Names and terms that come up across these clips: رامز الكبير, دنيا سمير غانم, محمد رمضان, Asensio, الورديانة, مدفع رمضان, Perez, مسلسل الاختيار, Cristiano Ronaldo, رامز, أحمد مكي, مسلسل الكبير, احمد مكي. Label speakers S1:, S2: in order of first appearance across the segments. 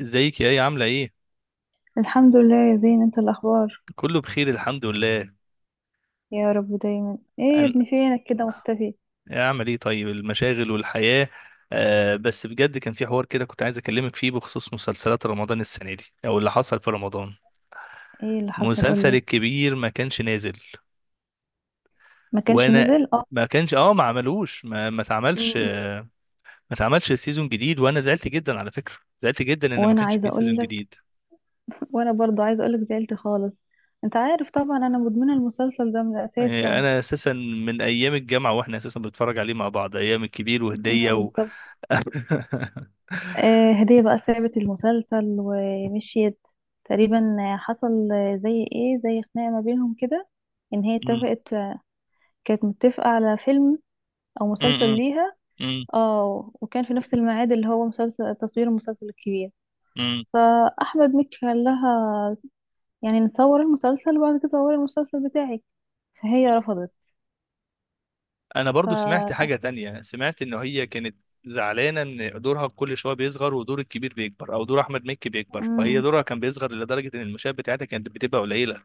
S1: ازيك يا ايه؟ عاملة ايه؟
S2: الحمد لله يا زين، انت الاخبار؟
S1: كله بخير الحمد لله.
S2: يا رب دايما. ايه يا
S1: أن...
S2: ابني، فينك كده مختفي؟
S1: اعمل ايه؟ طيب المشاغل والحياة. آه بس بجد كان في حوار كده، كنت عايز اكلمك فيه بخصوص مسلسلات رمضان السنة دي او اللي حصل في رمضان.
S2: ايه اللي حصل؟
S1: مسلسل
S2: قولي.
S1: الكبير ما كانش نازل،
S2: ما كانش
S1: وانا
S2: نزل، اه.
S1: ما كانش اه ما عملوش ما
S2: م-
S1: اتعملش
S2: م.
S1: ما اتعملش سيزون جديد، وانا زعلت جدا على فكرة، زعلت جدا ان ما
S2: وانا
S1: كانش
S2: عايزه
S1: فيه
S2: اقول
S1: سيزون
S2: لك.
S1: جديد.
S2: وانا برضو عايزه اقول لك زعلت خالص. انت عارف طبعا انا مدمنه المسلسل ده من الاساس
S1: يعني
S2: يعني.
S1: انا اساسا من ايام الجامعة واحنا اساسا بنتفرج عليه مع بعض ايام الكبير وهدية
S2: اه،
S1: و
S2: بالظبط. آه، هديه بقى سابت المسلسل ومشيت. تقريبا حصل زي ايه، زي خناقه ما بينهم كده. ان هي اتفقت، كانت متفقه على فيلم او مسلسل ليها.
S1: امم
S2: اه، وكان في نفس الميعاد اللي هو مسلسل تصوير المسلسل الكبير.
S1: امم
S2: فأحمد مكي قال لها يعني نصور المسلسل وبعد كده صوري المسلسل بتاعك، فهي رفضت.
S1: انا
S2: ف
S1: برضو سمعت حاجة تانية، سمعت ان هي كانت زعلانة ان دورها كل شوية بيصغر ودور الكبير بيكبر او دور احمد مكي بيكبر، فهي
S2: مم.
S1: دورها كان بيصغر لدرجة ان المشاهد بتاعتها كانت بتبقى قليلة.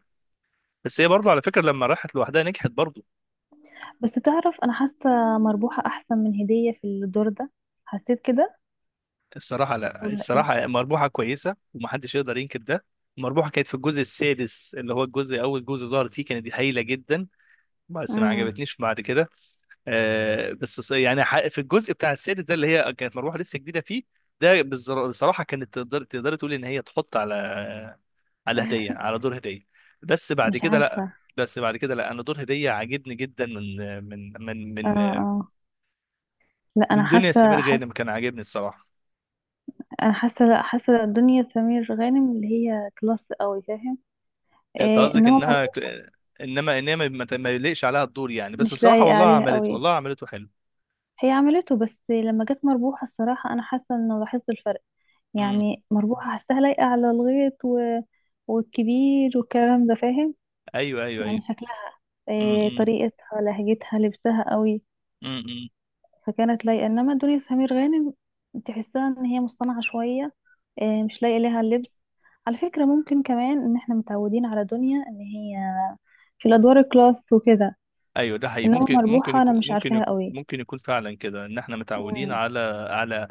S1: بس هي برضو على فكرة لما راحت لوحدها نجحت برضو.
S2: بس تعرف أنا حاسة مربوحة أحسن من هدية في الدور ده، حسيت كده.
S1: الصراحة لا،
S2: ولا إيه؟
S1: الصراحة مربوحة كويسة ومحدش يقدر ينكر ده. مربوحة كانت في الجزء السادس، اللي هو الجزء اول جزء ظهرت فيه، كانت هايلة جدا، بس ما
S2: مم.
S1: عجبتنيش بعد كده. آه، بس ص- يعني ح- في الجزء بتاع السادس ده اللي هي كانت مروحه لسه جديده فيه، بصراحه كانت تقدر تقول ان هي تحط على على هديه على دور هديه. بس بعد
S2: مش
S1: كده لا.
S2: عارفة.
S1: انا دور هديه عاجبني جدا من من من
S2: اه،
S1: من
S2: اه. لا،
S1: من
S2: أنا
S1: دنيا
S2: حاسة،
S1: سمير
S2: حاسة.
S1: غانم، كان عاجبني الصراحه.
S2: أنا حاسة، لا حاسة دنيا سمير غانم اللي هي كلاس قوي، فاهم؟
S1: انت
S2: إيه،
S1: قصدك
S2: إنما
S1: انها
S2: مربوحة
S1: انما ما يليقش عليها الدور يعني، بس
S2: مش
S1: الصراحه
S2: لايقة
S1: والله
S2: عليها
S1: عملت،
S2: قوي.
S1: والله عملته حلو.
S2: هي عملته بس لما جت مربوحة الصراحة أنا حاسة إنه لاحظت الفرق.
S1: امم.
S2: يعني مربوحة حاساها لايقة على الغيط والكبير والكلام ده، فاهم؟
S1: ايوه ايوه ايوه.
S2: يعني شكلها، إيه طريقتها لهجتها لبسها قوي.
S1: امم.
S2: فكانت لايقة، إنما دنيا سمير غانم تحسها إن هي مصطنعة شوية. إيه، مش لايقة ليها اللبس. على فكرة ممكن كمان إن إحنا متعودين على دنيا إن هي في الأدوار الكلاس وكده.
S1: ايوه ده حقيقي،
S2: إنما
S1: ممكن ممكن
S2: مربوحة أنا
S1: يكون
S2: مش
S1: ممكن
S2: عارفاها
S1: يكون
S2: قوي.
S1: ممكن يكون فعلا كده ان احنا متعودين
S2: مم.
S1: على على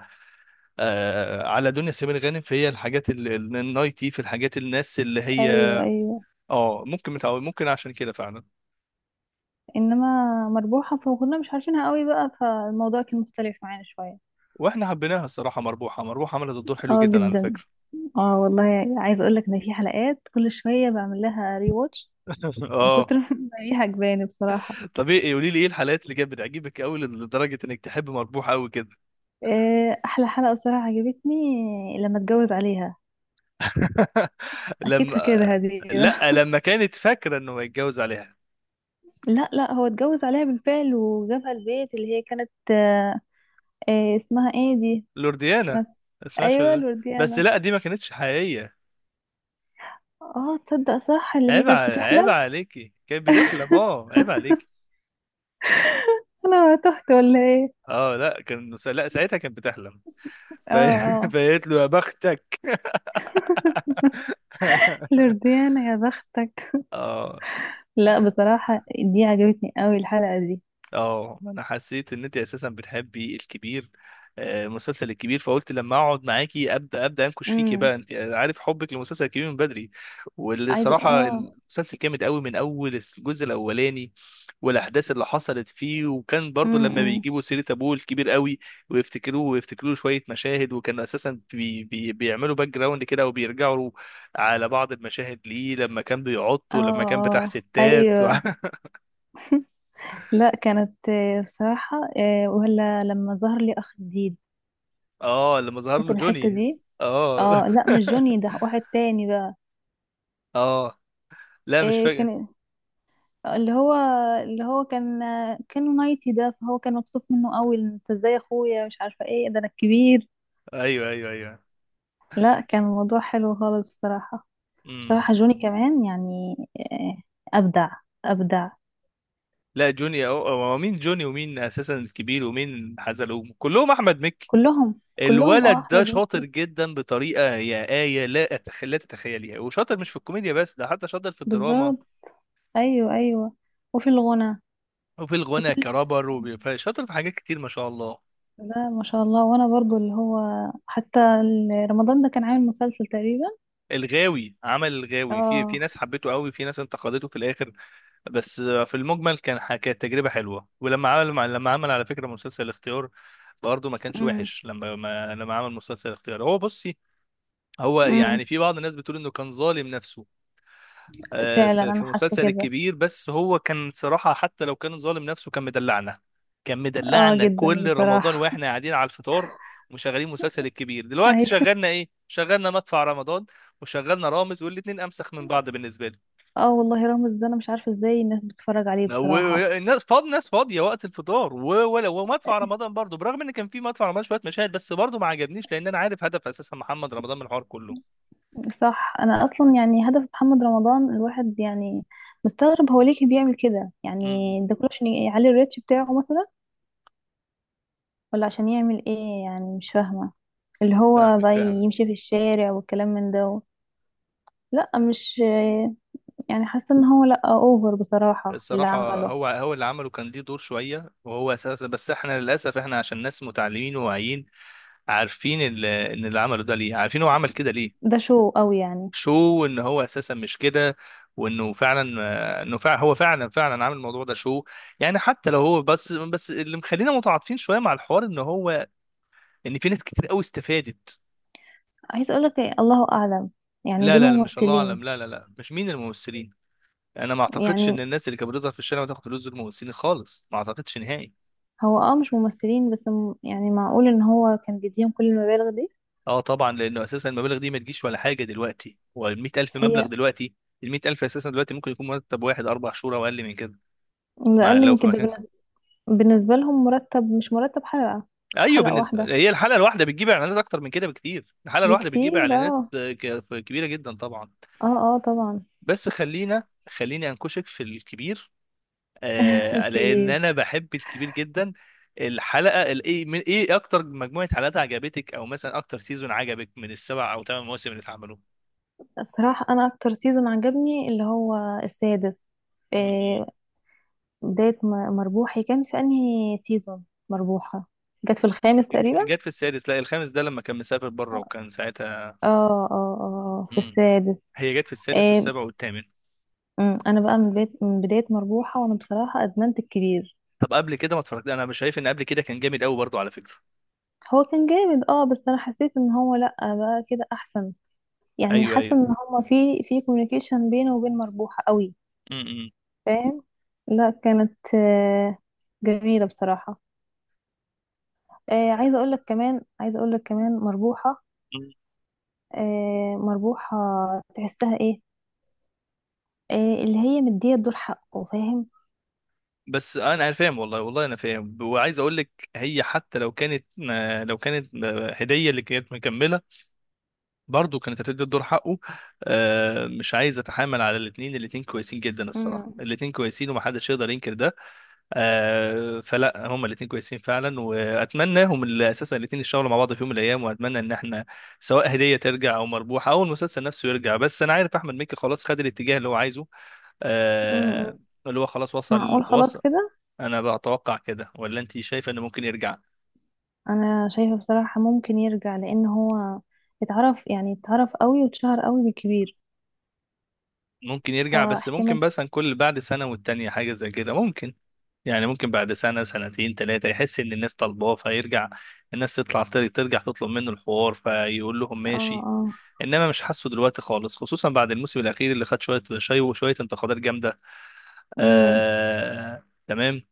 S1: على دنيا سمير غانم، فهي الحاجات النايتي في الحاجات، الناس اللي هي
S2: أيوه، أيوه.
S1: اه ممكن متعود، ممكن عشان كده فعلا.
S2: انما مربوحة فكنا مش عارفينها قوي بقى، فالموضوع كان مختلف معانا شوية.
S1: واحنا حبيناها الصراحه، مربوحه مربوحه عملت الدور حلو
S2: اه
S1: جدا على
S2: جدا.
S1: فكره.
S2: اه والله، عايزة اقول لك ان في حلقات كل شوية بعمل لها ري واتش، من
S1: اه.
S2: كتر ما هي عجباني بصراحة.
S1: طب ايه؟ قولي لي ايه الحلقات اللي كانت بتعجبك قوي لدرجه انك تحب مربوحه قوي كده؟
S2: احلى حلقة بصراحة عجبتني لما اتجوز عليها. اكيد
S1: لما
S2: فاكرها دي.
S1: لا، لما كانت فاكره انه هيتجوز عليها
S2: لا، لا، هو اتجوز عليها بالفعل وجابها البيت اللي هي كانت، اسمها ايه دي؟
S1: لورديانا.
S2: كانت.
S1: اسمها
S2: ايوه،
S1: شو؟ بس
S2: الورديانة.
S1: لا، دي ما كانتش حقيقيه.
S2: اه، تصدق؟ صح، اللي هي
S1: عيب ع-
S2: كانت
S1: عيب
S2: بتحلم.
S1: عليكي، كانت بتحلم، اه عيب عليكي.
S2: انا تهت ولا ايه؟
S1: اه لا كان لا ساعتها كانت بتحلم.
S2: اه،
S1: ف-
S2: آه.
S1: فقالت له يا بختك.
S2: لورديانا يا بختك.
S1: اه.
S2: لا، بصراحة دي عجبتني قوي الحلقة دي.
S1: اه انا حسيت ان انت اساسا بتحبي الكبير، مسلسل الكبير، فقلت لما اقعد معاكي ابدا انكش فيكي
S2: امم.
S1: بقى، انت عارف حبك لمسلسل الكبير من بدري. واللي
S2: عايزة
S1: صراحه
S2: اه
S1: المسلسل جامد قوي من اول الجزء الاولاني، والاحداث اللي حصلت فيه، وكان برضو لما
S2: امم.
S1: بيجيبوا سيره ابوه الكبير قوي، ويفتكروه ويفتكروا له شويه مشاهد، وكانوا اساسا بي بي بيعملوا باك جراوند كده وبيرجعوا على بعض المشاهد ليه لما كان بيعط
S2: اه،
S1: ولما كان بتاع
S2: اه،
S1: ستات.
S2: ايوه. لا، كانت بصراحة ولا لما ظهر لي اخ جديد.
S1: اه لما ظهر له
S2: فاكر الحتة
S1: جوني.
S2: دي؟
S1: اه.
S2: اه، لا، مش جوني، ده واحد تاني بقى.
S1: اه لا مش
S2: إيه،
S1: فاكر.
S2: كان اللي هو اللي هو كان مايتي ده. فهو كان مبسوط منه قوي، انت ازاي يا اخويا مش عارفة ايه ده، انا الكبير.
S1: ايوه ايوه ايوه.
S2: لا، كان الموضوع حلو خالص الصراحة.
S1: امم.
S2: بصراحة جوني كمان يعني أبدع، أبدع.
S1: لا هو مين جوني ومين اساسا الكبير ومين حزلقوم؟ كلهم احمد مكي.
S2: كلهم، كلهم، اه،
S1: الولد ده
S2: أحمد
S1: شاطر
S2: مكي
S1: جدا بطريقه يا آية، لا تتخيليها. وشاطر مش في الكوميديا بس، ده حتى شاطر في الدراما
S2: بالظبط. أيوه، أيوه، وفي الغنى،
S1: وفي
S2: في
S1: الغنى
S2: كل
S1: كرابر،
S2: حاجة.
S1: وشاطر في حاجات كتير ما شاء الله.
S2: لا ما شاء الله، وأنا برضو اللي هو حتى رمضان ده كان عامل مسلسل تقريبا.
S1: الغاوي عمل الغاوي في في
S2: اه.
S1: ناس حبته قوي، في ناس انتقدته في الاخر، بس في المجمل كانت تجربة حلوة. ولما عمل لما عمل على فكرة مسلسل الاختيار برضه ما كانش
S2: امم.
S1: وحش. لما ما لما عمل مسلسل الاختيار هو بصي، هو
S2: امم.
S1: يعني في بعض الناس بتقول انه كان ظالم نفسه
S2: فعلا
S1: في في
S2: أنا حاسة
S1: مسلسل
S2: كده.
S1: الكبير، بس هو كان صراحة حتى لو كان ظالم نفسه كان مدلعنا. كان
S2: اه
S1: مدلعنا
S2: جدا
S1: كل رمضان
S2: بصراحة.
S1: واحنا قاعدين على الفطار ومشغلين مسلسل الكبير. دلوقتي
S2: أيوه.
S1: شغلنا ايه؟ شغلنا مدفع رمضان وشغلنا رامز، والاتنين امسخ من بعض بالنسبة لي.
S2: اه والله، رامز ده أنا مش عارفة ازاي الناس بتتفرج عليه بصراحة.
S1: الناس فاض ناس فاضيه وقت الفطار، ولو ومدفع رمضان برضو، برغم ان كان في مدفع رمضان شويه مشاهد بس برضو ما عجبنيش، لان انا عارف هدف اساسا محمد رمضان من الحوار كله.
S2: صح. انا اصلا يعني هدف محمد رمضان الواحد، يعني مستغرب هو ليه بيعمل كده يعني.
S1: امم.
S2: ده كله عشان يعلي الريتش بتاعه مثلا، ولا عشان يعمل ايه يعني؟ مش فاهمة. اللي هو
S1: فاهمك
S2: بقى
S1: فاهمك
S2: يمشي في الشارع والكلام من ده. لا، مش يعني حاسة ان هو لا اوفر بصراحة اللي
S1: الصراحه
S2: عمله.
S1: هو اللي عمله كان ليه دور شويه، وهو اساسا بس احنا للاسف احنا عشان ناس متعلمين وواعيين عارفين ان اللي عمله ده ليه، عارفين هو عمل كده ليه.
S2: ده شو قوي يعني.
S1: شو ان هو اساسا مش كده، وانه فعلا انه فعلا هو فعلا عامل الموضوع ده شو. يعني حتى لو هو بس اللي مخلينا متعاطفين شويه مع الحوار ان هو لان في ناس كتير قوي استفادت.
S2: عايز اقولك إيه؟ الله اعلم. يعني
S1: لا
S2: دول
S1: لا لا مش الله
S2: ممثلين؟
S1: اعلم، لا مش مين الممثلين. انا ما اعتقدش
S2: يعني
S1: ان الناس اللي كانت بتظهر في الشارع بتاخد فلوس دول ممثلين خالص، ما اعتقدش نهائي.
S2: هو مش ممثلين بس، يعني معقول ان هو كان بيديهم كل المبالغ دي؟
S1: اه طبعا، لانه اساسا المبالغ دي ما تجيش ولا حاجه دلوقتي. هو ال 100000 مبلغ
S2: هي
S1: دلوقتي؟ ال 100000 اساسا دلوقتي ممكن يكون مرتب واحد اربع شهور او اقل من كده.
S2: ده
S1: ما
S2: اقل
S1: لو
S2: من
S1: في مكان.
S2: كده. بالنسبة لهم مرتب، مش مرتب حلقة.
S1: ايوه
S2: حلقة
S1: بالنسبه،
S2: واحدة.
S1: هي الحلقه الواحده بتجيب اعلانات اكتر من كده بكتير، الحلقه الواحده
S2: بكتير،
S1: بتجيب اعلانات
S2: اه.
S1: كبيره جدا طبعا.
S2: اه. اه طبعا.
S1: بس خليني انكشك في الكبير، آه لان انا
S2: الكبير.
S1: بحب الكبير جدا. الحلقه الايه من ايه؟ اكتر مجموعه حلقات عجبتك، او مثلا اكتر سيزون عجبك من السبع او ثمان مواسم اللي اتعملوا؟
S2: الصراحة أنا أكتر سيزون عجبني اللي هو السادس.
S1: م- م.
S2: آه. بداية مربوحي كان في أنهي سيزون؟ مربوحة جت في الخامس تقريبا.
S1: جت في السادس. لا الخامس ده لما كان مسافر بره،
S2: اه.
S1: وكان ساعتها.
S2: اه، اه، في
S1: م.
S2: السادس.
S1: هي جت في السادس
S2: آه.
S1: والسابع والثامن.
S2: أنا بقى من بداية مربوحة وأنا بصراحة أدمنت الكبير.
S1: طب قبل كده ما اتفرجت؟ انا مش شايف ان قبل كده كان جامد قوي برضو على فكره.
S2: هو كان جامد، بس أنا حسيت إن هو لأ بقى كده أحسن. يعني
S1: ايوه
S2: حاسه
S1: ايوه.
S2: ان هما في كوميونيكيشن بينه وبين مربوحه قوي،
S1: م- م.
S2: فاهم؟ لا، كانت جميله بصراحه. عايزه اقول لك كمان مربوحه.
S1: م.
S2: مربوحه تحسها، ايه، آه، اللي هي مديه الدور حقه، فاهم؟
S1: بس انا فاهم، والله انا فاهم، وعايز اقول لك هي حتى لو كانت لو كانت هديه اللي كانت مكمله، برضه كانت هتدي الدور حقه. مش عايز اتحامل على الاثنين، الاثنين كويسين جدا الصراحه،
S2: امم.
S1: الاثنين كويسين ومحدش يقدر ينكر ده. فلا هما الاثنين كويسين فعلا، واتمناهم اللي اساسا الاثنين يشتغلوا مع بعض في يوم من الايام، واتمنى ان احنا سواء هديه ترجع او مربوحه او المسلسل نفسه يرجع. بس انا عارف احمد مكي خلاص خد الاتجاه اللي هو عايزه،
S2: امم.
S1: آه، اللي هو خلاص وصل
S2: معقول خلاص
S1: وصل.
S2: كده؟
S1: انا بتوقع كده، ولا انت شايفه انه ممكن يرجع؟
S2: انا شايفه بصراحه ممكن يرجع، لان هو اتعرف قوي واتشهر قوي بالكبير.
S1: ممكن يرجع بس، ممكن
S2: فاحتمال.
S1: بس عن كل بعد سنه والتانيه حاجه زي كده ممكن. يعني ممكن بعد سنة سنتين تلاتة يحس إن الناس طالباه فيرجع، الناس تطلع ترجع تطلب منه الحوار فيقول لهم
S2: اه.
S1: ماشي.
S2: اه.
S1: إنما مش حاسه دلوقتي خالص، خصوصا بعد الموسم الأخير اللي خد شوية شاي وشوية انتقادات جامدة.
S2: مم.
S1: تمام.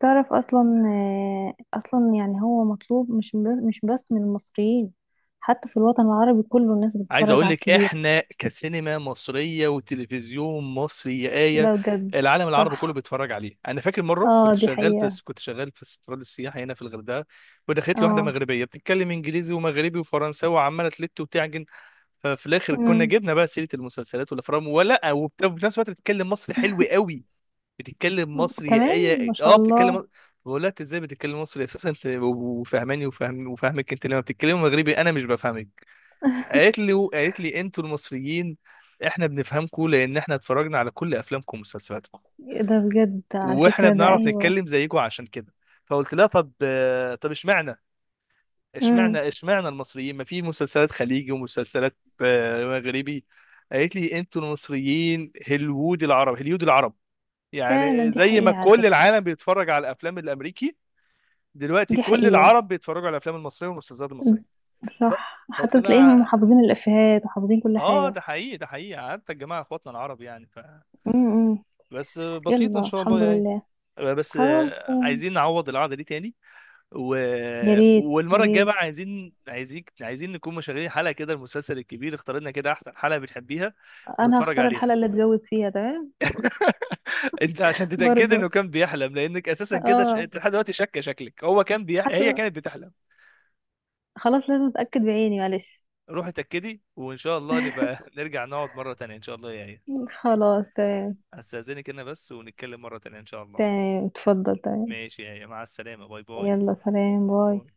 S2: تعرف اصلا اصلا يعني هو مطلوب، مش بس من المصريين، حتى في الوطن العربي كله الناس
S1: عايز
S2: بتتفرج
S1: اقول
S2: على
S1: لك
S2: الكبير.
S1: احنا كسينما مصريه وتلفزيون مصري يا ايه،
S2: ده بجد.
S1: العالم العربي كله
S2: صح.
S1: بيتفرج عليه. انا فاكر مره
S2: اه، دي حقيقة.
S1: كنت شغال في استراد السياحه هنا في الغردقه، ودخلت لي واحده
S2: اه.
S1: مغربيه بتتكلم انجليزي ومغربي وفرنساوي وعماله تلت وتعجن. ففي الاخر كنا
S2: امم.
S1: جبنا بقى سيره المسلسلات والافلام ولا وفي نفس الوقت بتتكلم مصري حلو قوي. بتتكلم مصري يا
S2: كمان ما
S1: ايه،
S2: شاء
S1: اه بتتكلم
S2: الله.
S1: مصري. بقول لها انت ازاي بتتكلم مصري اساسا، انت وفاهماني وفاهم وفاهمك، انت لما بتتكلمي مغربي انا مش بفهمك. قالت لي انتوا المصريين احنا بنفهمكم لان احنا اتفرجنا على كل افلامكم ومسلسلاتكم،
S2: ده بجد على
S1: واحنا
S2: فكرة، ده
S1: بنعرف
S2: ايوه.
S1: نتكلم زيكم عشان كده. فقلت لها طب طب اشمعنى،
S2: امم.
S1: اشمعنى المصريين، ما في مسلسلات خليجي ومسلسلات مغربي؟ قالت لي انتوا المصريين هليوود العرب، هليود العرب.
S2: فعلا
S1: يعني
S2: دي
S1: زي ما
S2: حقيقة على
S1: كل
S2: فكرة.
S1: العالم بيتفرج على الافلام الامريكي، دلوقتي
S2: دي
S1: كل
S2: حقيقة.
S1: العرب بيتفرجوا على الافلام المصريه والمسلسلات المصريه.
S2: أمم.
S1: ف-
S2: صح،
S1: فقلت
S2: حتى
S1: لها
S2: تلاقيهم محافظين الافيهات وحافظين كل
S1: اه
S2: حاجة.
S1: ده حقيقي، ده حقيقي حتى الجماعه اخواتنا العرب يعني
S2: امم، أمم.
S1: بس بسيط ان
S2: يلا،
S1: شاء الله
S2: الحمد
S1: يعني.
S2: لله.
S1: بس
S2: خلاص، مم.
S1: عايزين نعوض القعده دي تاني و...
S2: يا ريت، يا
S1: والمره الجايه
S2: ريت.
S1: بقى عايزين نكون مشغلين حلقه كده المسلسل الكبير، اخترنا كده احسن حلقه بتحبيها
S2: انا
S1: ونتفرج
S2: هختار
S1: عليها.
S2: الحلقه اللي اتجوز فيها، تمام.
S1: انت عشان تتاكد
S2: برضه.
S1: انه كان بيحلم، لانك اساسا كده
S2: اه.
S1: انت لحد دلوقتي شاكه شكلك هي
S2: حتى.
S1: كانت بتحلم.
S2: خلاص لازم اتاكد بعيني، معلش.
S1: روحي اتاكدي، وان شاء الله نبقى نرجع نقعد مره تانيه ان شاء الله يا ايه.
S2: خلاص تمام.
S1: استاذنك انا بس، ونتكلم مره تانيه ان شاء الله.
S2: تمام، اتفضل، تمام.
S1: ماشي، يا مع السلامة، باي باي.
S2: يلا سلام، باي.
S1: باي.